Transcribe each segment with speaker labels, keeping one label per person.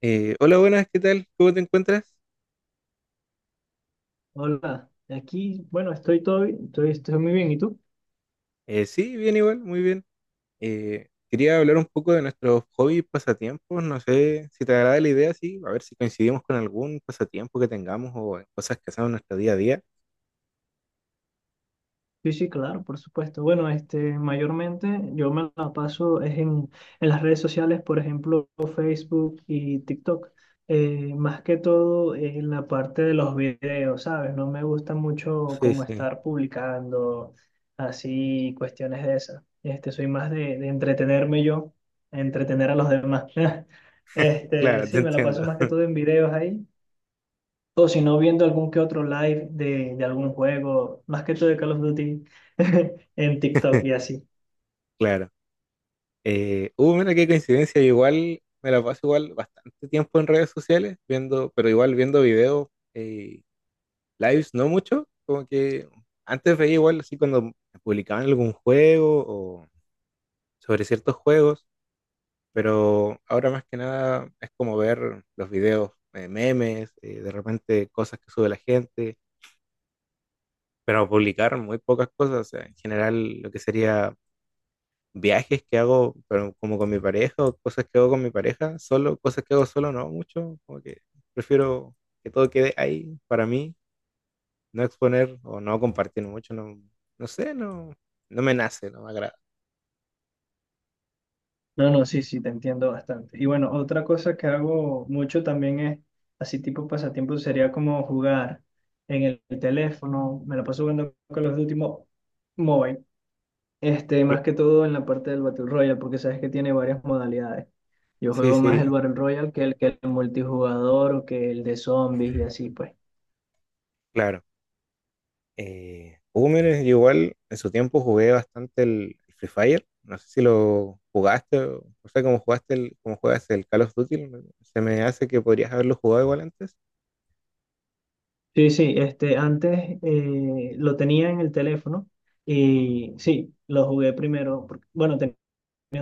Speaker 1: Hola, buenas, ¿qué tal? ¿Cómo te encuentras?
Speaker 2: Hola, aquí, bueno, estoy todo bien, estoy muy bien, ¿y tú?
Speaker 1: Sí, bien igual, muy bien. Quería hablar un poco de nuestros hobbies, pasatiempos. No sé si te agrada la idea, sí. A ver si coincidimos con algún pasatiempo que tengamos o en cosas que hacemos en nuestro día a día.
Speaker 2: Sí, sí, claro, por supuesto. Bueno, mayormente yo me la paso es en las redes sociales, por ejemplo, Facebook y TikTok. Más que todo en la parte de los videos, ¿sabes? No me gusta mucho
Speaker 1: Sí,
Speaker 2: como
Speaker 1: sí,
Speaker 2: estar publicando así cuestiones de esas. Soy más de entretenerme yo, entretener a los demás. Este,
Speaker 1: claro, te
Speaker 2: sí, me la
Speaker 1: entiendo,
Speaker 2: paso más que todo en videos ahí. O si no, viendo algún que otro live de algún juego, más que todo de Call of Duty, en TikTok y así.
Speaker 1: claro. Mira qué coincidencia, yo igual me la paso igual bastante tiempo en redes sociales, viendo, pero igual viendo videos, eh, lives no mucho, como que antes veía igual así cuando publicaban algún juego sobre ciertos juegos, pero ahora más que nada es como ver los videos, memes, de repente cosas que sube la gente, pero publicar muy pocas cosas, o sea, en general lo que sería viajes que hago, pero como con mi pareja, o cosas que hago con mi pareja, solo, cosas que hago solo no mucho, como que prefiero que todo quede ahí para mí, no exponer o no compartir mucho, no, no sé, no, no me nace, no me agrada.
Speaker 2: No, no, sí, sí, te entiendo bastante. Y bueno, otra cosa que hago mucho también es, así tipo pasatiempo, sería como jugar en el teléfono. Me la paso jugando Call of Duty Mobile. Este,
Speaker 1: Cl-
Speaker 2: más que todo en la parte del Battle Royale, porque sabes que tiene varias modalidades. Yo
Speaker 1: Sí,
Speaker 2: juego más el
Speaker 1: sí,
Speaker 2: Battle Royale que el multijugador o que el de zombies y así, pues.
Speaker 1: claro. Mire, yo igual en su tiempo jugué bastante el Free Fire. No sé si lo jugaste, o no sé cómo jugaste el, cómo juegas el Call of Duty. Se me hace que podrías haberlo jugado igual antes.
Speaker 2: Sí, sí, antes lo tenía en el teléfono y sí, lo jugué primero. Porque, bueno, tenía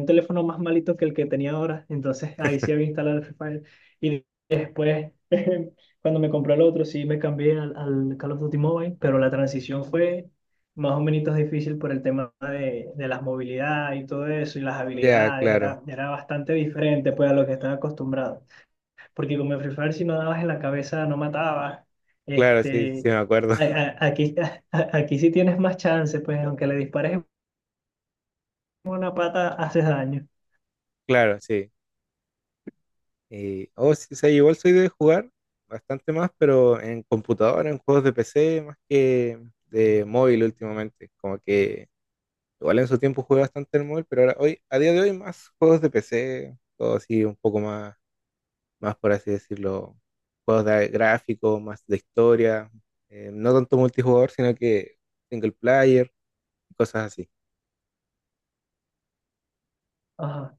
Speaker 2: un teléfono más malito que el que tenía ahora, entonces ahí sí había instalado el Free Fire. Y después, cuando me compré el otro, sí me cambié al Call of Duty Mobile, pero la transición fue más o menos difícil por el tema de las movilidades y todo eso, y las
Speaker 1: Ya,
Speaker 2: habilidades,
Speaker 1: claro,
Speaker 2: era bastante diferente pues a lo que estaba acostumbrado porque como en Free Fire si no dabas en la cabeza no matabas.
Speaker 1: claro, sí,
Speaker 2: Este,
Speaker 1: sí me acuerdo.
Speaker 2: a- a- aquí, aquí sí tienes más chance, pues aunque le dispares en una pata haces daño.
Speaker 1: Claro, sí. Y, sí, sí, igual soy de jugar bastante más, pero en computadora, en juegos de PC, más que de móvil últimamente. Como que igual en su tiempo jugué bastante el móvil, pero ahora hoy, a día de hoy, más juegos de PC, todo así un poco más más por así decirlo, juegos de gráficos, más de historia, no tanto multijugador, sino que single player, cosas así.
Speaker 2: Ajá.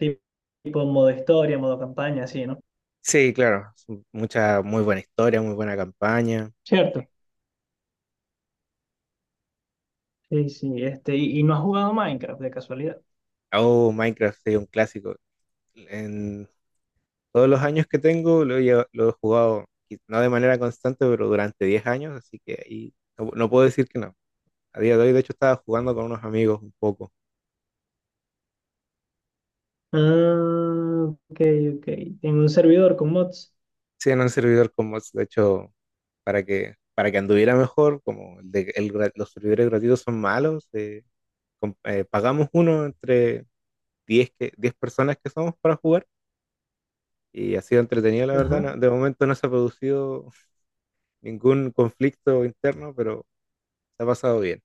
Speaker 2: Tipo, tipo modo historia, modo campaña, así, ¿no?
Speaker 1: Sí, claro, mucha, muy buena historia, muy buena campaña.
Speaker 2: Cierto. Sí, sí, y no has jugado Minecraft de casualidad.
Speaker 1: Oh, Minecraft es un clásico. En todos los años que tengo lo he, lo he jugado, y no de manera constante, pero durante 10 años, así que ahí no, no puedo decir que no. A día de hoy, de hecho, estaba jugando con unos amigos un poco.
Speaker 2: Ah, ok, ok. En un servidor con mods.
Speaker 1: Sí, en un servidor con mods, de hecho, para que anduviera mejor, como el de- el gra- los servidores gratuitos son malos, pagamos uno entre 10 personas que somos para jugar y ha sido entretenido, la verdad.
Speaker 2: Ajá.
Speaker 1: De momento no se ha producido ningún conflicto interno, pero se ha pasado bien.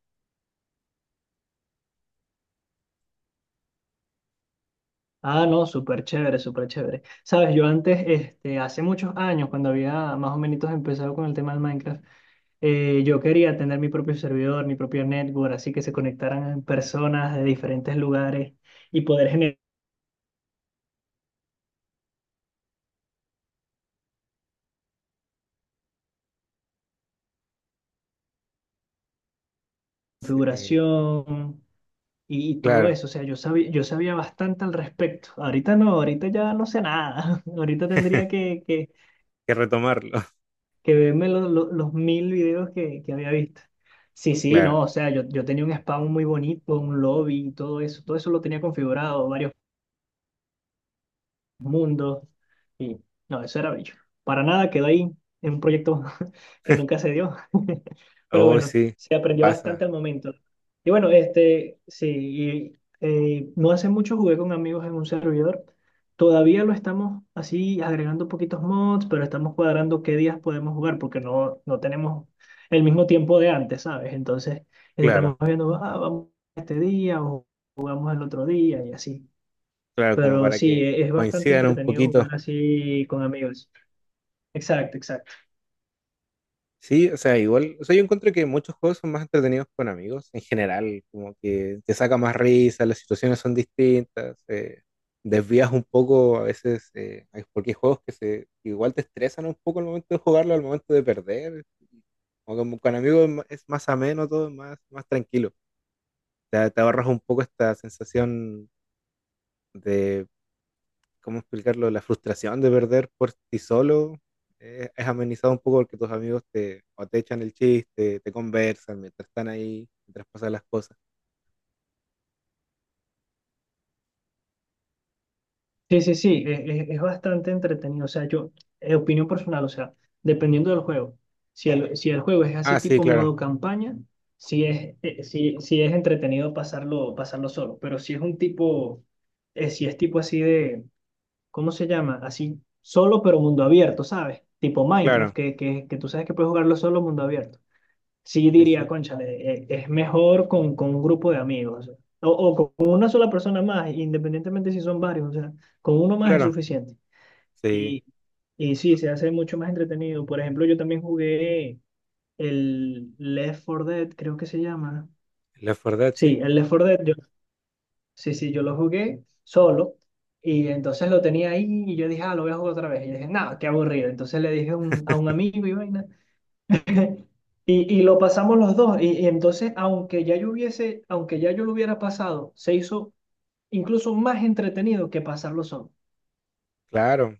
Speaker 2: Ah, no, súper chévere, súper chévere. Sabes, yo antes, hace muchos años, cuando había más o menos empezado con el tema del Minecraft, yo quería tener mi propio servidor, mi propio network, así que se conectaran personas de diferentes lugares y poder generar
Speaker 1: Sí,
Speaker 2: configuración y
Speaker 1: claro,
Speaker 2: todo
Speaker 1: hay
Speaker 2: eso. O sea, yo sabía bastante al respecto. Ahorita no, ahorita ya no sé nada. Ahorita tendría que, que,
Speaker 1: que retomarlo,
Speaker 2: que verme los mil videos que había visto. Sí, sí,
Speaker 1: claro.
Speaker 2: no, o sea, yo tenía un spawn muy bonito, un lobby y todo eso. Todo eso lo tenía configurado, varios mundo. Y no, eso era bello. Para nada quedó ahí en un proyecto que nunca se dio. Pero
Speaker 1: Oh,
Speaker 2: bueno,
Speaker 1: sí,
Speaker 2: se aprendió
Speaker 1: pasa,
Speaker 2: bastante al momento. Y bueno, sí, y, no hace mucho jugué con amigos en un servidor. Todavía lo estamos así agregando poquitos mods, pero estamos cuadrando qué días podemos jugar porque no, no tenemos el mismo tiempo de antes, ¿sabes? Entonces, estamos
Speaker 1: claro,
Speaker 2: viendo, ah, vamos este día o jugamos el otro día y así.
Speaker 1: claro, como
Speaker 2: Pero
Speaker 1: para
Speaker 2: sí,
Speaker 1: que
Speaker 2: es bastante
Speaker 1: coincidan un
Speaker 2: entretenido
Speaker 1: poquito.
Speaker 2: jugar así con amigos. Exacto, exacto.
Speaker 1: Sí, o sea, igual, o sea, yo encuentro que muchos juegos son más entretenidos con amigos en general, como que te saca más risa, las situaciones son distintas, desvías un poco a veces, porque hay juegos que se igual te estresan un poco al momento de jugarlo, al momento de perder, o como con amigos es más ameno todo, es más, más tranquilo, te ahorras un poco esta sensación. ¿Cómo explicarlo? La frustración de perder por ti solo es amenizado un poco porque tus amigos te, o te echan el chiste, te conversan mientras están ahí, mientras pasan las cosas.
Speaker 2: Sí, sí, sí, es, bastante entretenido. O sea, yo, opinión personal, o sea, dependiendo del juego. Si el juego es así
Speaker 1: Ah, sí,
Speaker 2: tipo
Speaker 1: claro,
Speaker 2: modo campaña, sí, sí es entretenido pasarlo, pasarlo solo. Pero si es tipo así de, ¿cómo se llama? Así solo pero mundo abierto, ¿sabes? Tipo Minecraft,
Speaker 1: claro,
Speaker 2: que tú sabes que puedes jugarlo solo mundo abierto. Sí
Speaker 1: sí,
Speaker 2: diría,
Speaker 1: sí,
Speaker 2: cónchale, es mejor con un grupo de amigos o con una sola persona más, independientemente si son varios, o sea, con uno más es
Speaker 1: claro,
Speaker 2: suficiente.
Speaker 1: sí,
Speaker 2: Y, y sí, se hace mucho más entretenido. Por ejemplo, yo también jugué el Left 4 Dead, creo que se llama.
Speaker 1: la verdad, sí,
Speaker 2: Sí, el Left 4 Dead, yo, sí, sí, yo lo jugué solo. Y entonces lo tenía ahí y yo dije, ah, lo voy a jugar otra vez. Y dije, no, qué aburrido. Entonces le dije a un amigo y vaina. Y lo pasamos los dos. Y entonces, aunque ya yo lo hubiera pasado, se hizo incluso más entretenido que pasarlo solo.
Speaker 1: claro,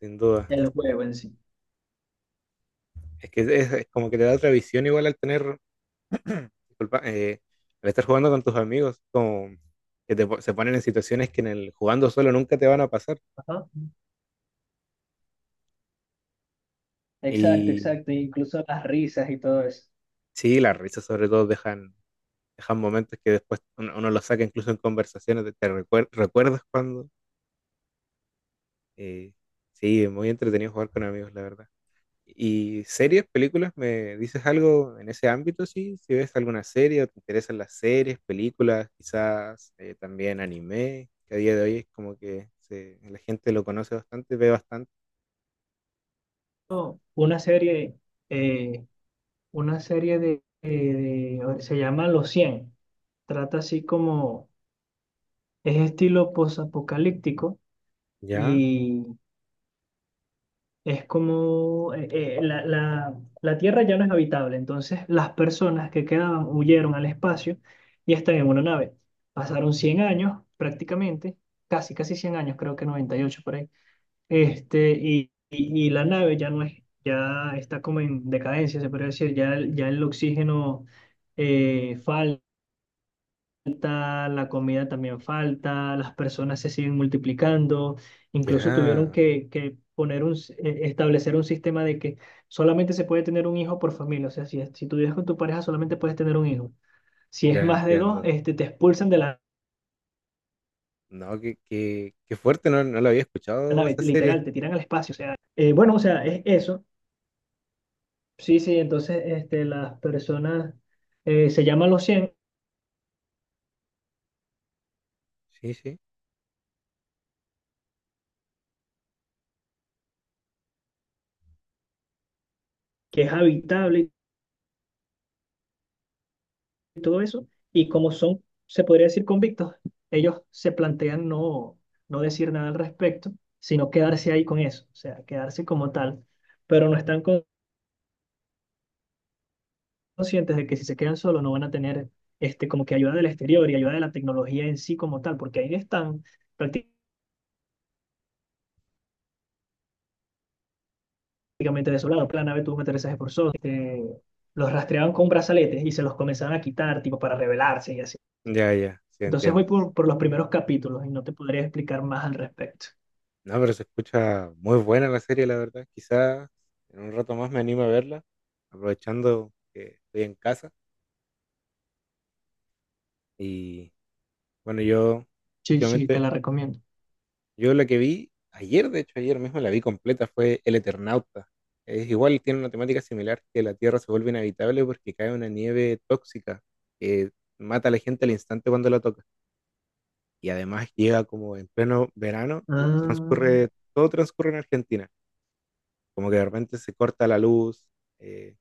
Speaker 1: sin duda.
Speaker 2: El juego en sí.
Speaker 1: Es que es como que te da otra visión igual al tener, disculpa, al estar jugando con tus amigos, como que se ponen en situaciones que en el jugando solo nunca te van a pasar.
Speaker 2: Ajá. Exacto,
Speaker 1: Y
Speaker 2: exacto. Incluso las risas y todo eso.
Speaker 1: sí, las risas sobre todo dejan dejan momentos que después uno, uno los saca incluso en conversaciones, recuerdas cuando... eh, sí, es muy entretenido jugar con amigos, la verdad. ¿Y series, películas? ¿Me dices algo en ese ámbito? Sí, si ves alguna serie o te interesan las series, películas, quizás también anime, que a día de hoy es como que la gente lo conoce bastante, ve bastante.
Speaker 2: No, eh, una serie se llama Los 100. Trata así como, es estilo posapocalíptico.
Speaker 1: Ya,
Speaker 2: Es como la, la- la Tierra ya no es habitable, entonces las personas que quedaban huyeron al espacio y están en una nave. Pasaron 100 años prácticamente, casi, casi 100 años, creo que 98 por ahí. Y la nave ya no es, ya está como en decadencia, se podría decir, ya el oxígeno eh, falta falta, la comida también falta, las personas se siguen multiplicando, incluso tuvieron
Speaker 1: ya,
Speaker 2: que establecer un sistema de que solamente se puede tener un hijo por familia, o sea, si, si tú vives con tu pareja solamente puedes tener un hijo, si es
Speaker 1: ya
Speaker 2: más de dos,
Speaker 1: entiendo.
Speaker 2: te expulsan de la
Speaker 1: No, qué, qué, qué fuerte, no, no lo había escuchado
Speaker 2: nave,
Speaker 1: esa serie.
Speaker 2: literal, te tiran al espacio, o sea, bueno, o sea, es eso, sí, sí, entonces las personas, se llaman los 100
Speaker 1: Sí, sí.
Speaker 2: que es habitable. Y todo eso, y como son, se podría decir, convictos, ellos se plantean no, no decir nada al respecto, sino quedarse ahí con eso, o sea, quedarse como tal, pero no están conscientes de que si se quedan solos no van a tener como que ayuda del exterior y ayuda de la tecnología en sí como tal, porque ahí están prácticamente desolados, la nave tuvo un aterrizaje forzoso, los rastreaban con brazaletes y se los comenzaban a quitar, tipo, para rebelarse y así.
Speaker 1: Ya, ya, sí
Speaker 2: Entonces voy
Speaker 1: entiendo.
Speaker 2: por los primeros capítulos y no te podría explicar más al respecto.
Speaker 1: No, pero se escucha muy buena la serie, la verdad. Quizás en un rato más me animo a verla, aprovechando que estoy en casa. Y bueno, yo
Speaker 2: Sí, sí, te
Speaker 1: últimamente,
Speaker 2: la recomiendo.
Speaker 1: yo la que vi ayer, de hecho ayer mismo la vi completa, fue El Eternauta. Es igual, tiene una temática similar que la Tierra se vuelve inhabitable porque cae una nieve tóxica que mata a la gente al instante cuando la toca. Y además llega como en pleno verano,
Speaker 2: Ah,
Speaker 1: transcurre, todo transcurre en Argentina. Como que de repente se corta la luz, eh,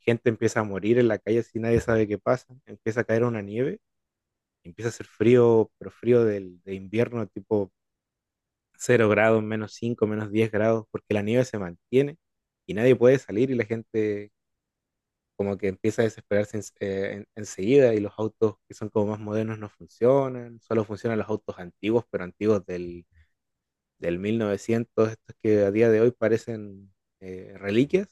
Speaker 1: gente empieza a morir en la calle si nadie sabe qué pasa, empieza a caer una nieve, empieza a hacer frío, pero frío del, de invierno, tipo 0 grados, -5, -10 grados, porque la nieve se mantiene y nadie puede salir y la gente como que empieza a desesperarse enseguida y los autos que son como más modernos no funcionan, solo funcionan los autos antiguos, pero antiguos del, del 1900, estos que a día de hoy parecen reliquias,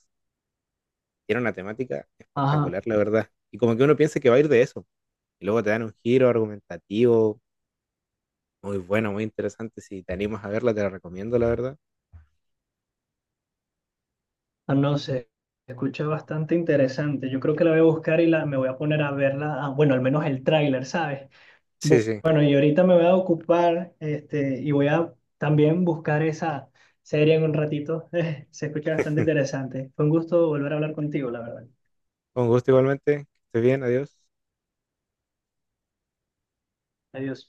Speaker 1: era una temática
Speaker 2: ajá,
Speaker 1: espectacular, la verdad. Y como que uno piensa que va a ir de eso. Y luego te dan un giro argumentativo muy bueno, muy interesante. Si te animas a verla, te la recomiendo, la verdad.
Speaker 2: ah, no sé, se escucha bastante interesante. Yo creo que la voy a buscar y me voy a poner a verla, ah, bueno, al menos el tráiler, ¿sabes?
Speaker 1: Sí, sí.
Speaker 2: Bueno, y ahorita me voy a ocupar, y voy a también buscar esa serie en un ratito. Se escucha bastante interesante. Fue un gusto volver a hablar contigo, la verdad.
Speaker 1: Con gusto igualmente. Que estés bien, adiós.
Speaker 2: Adiós.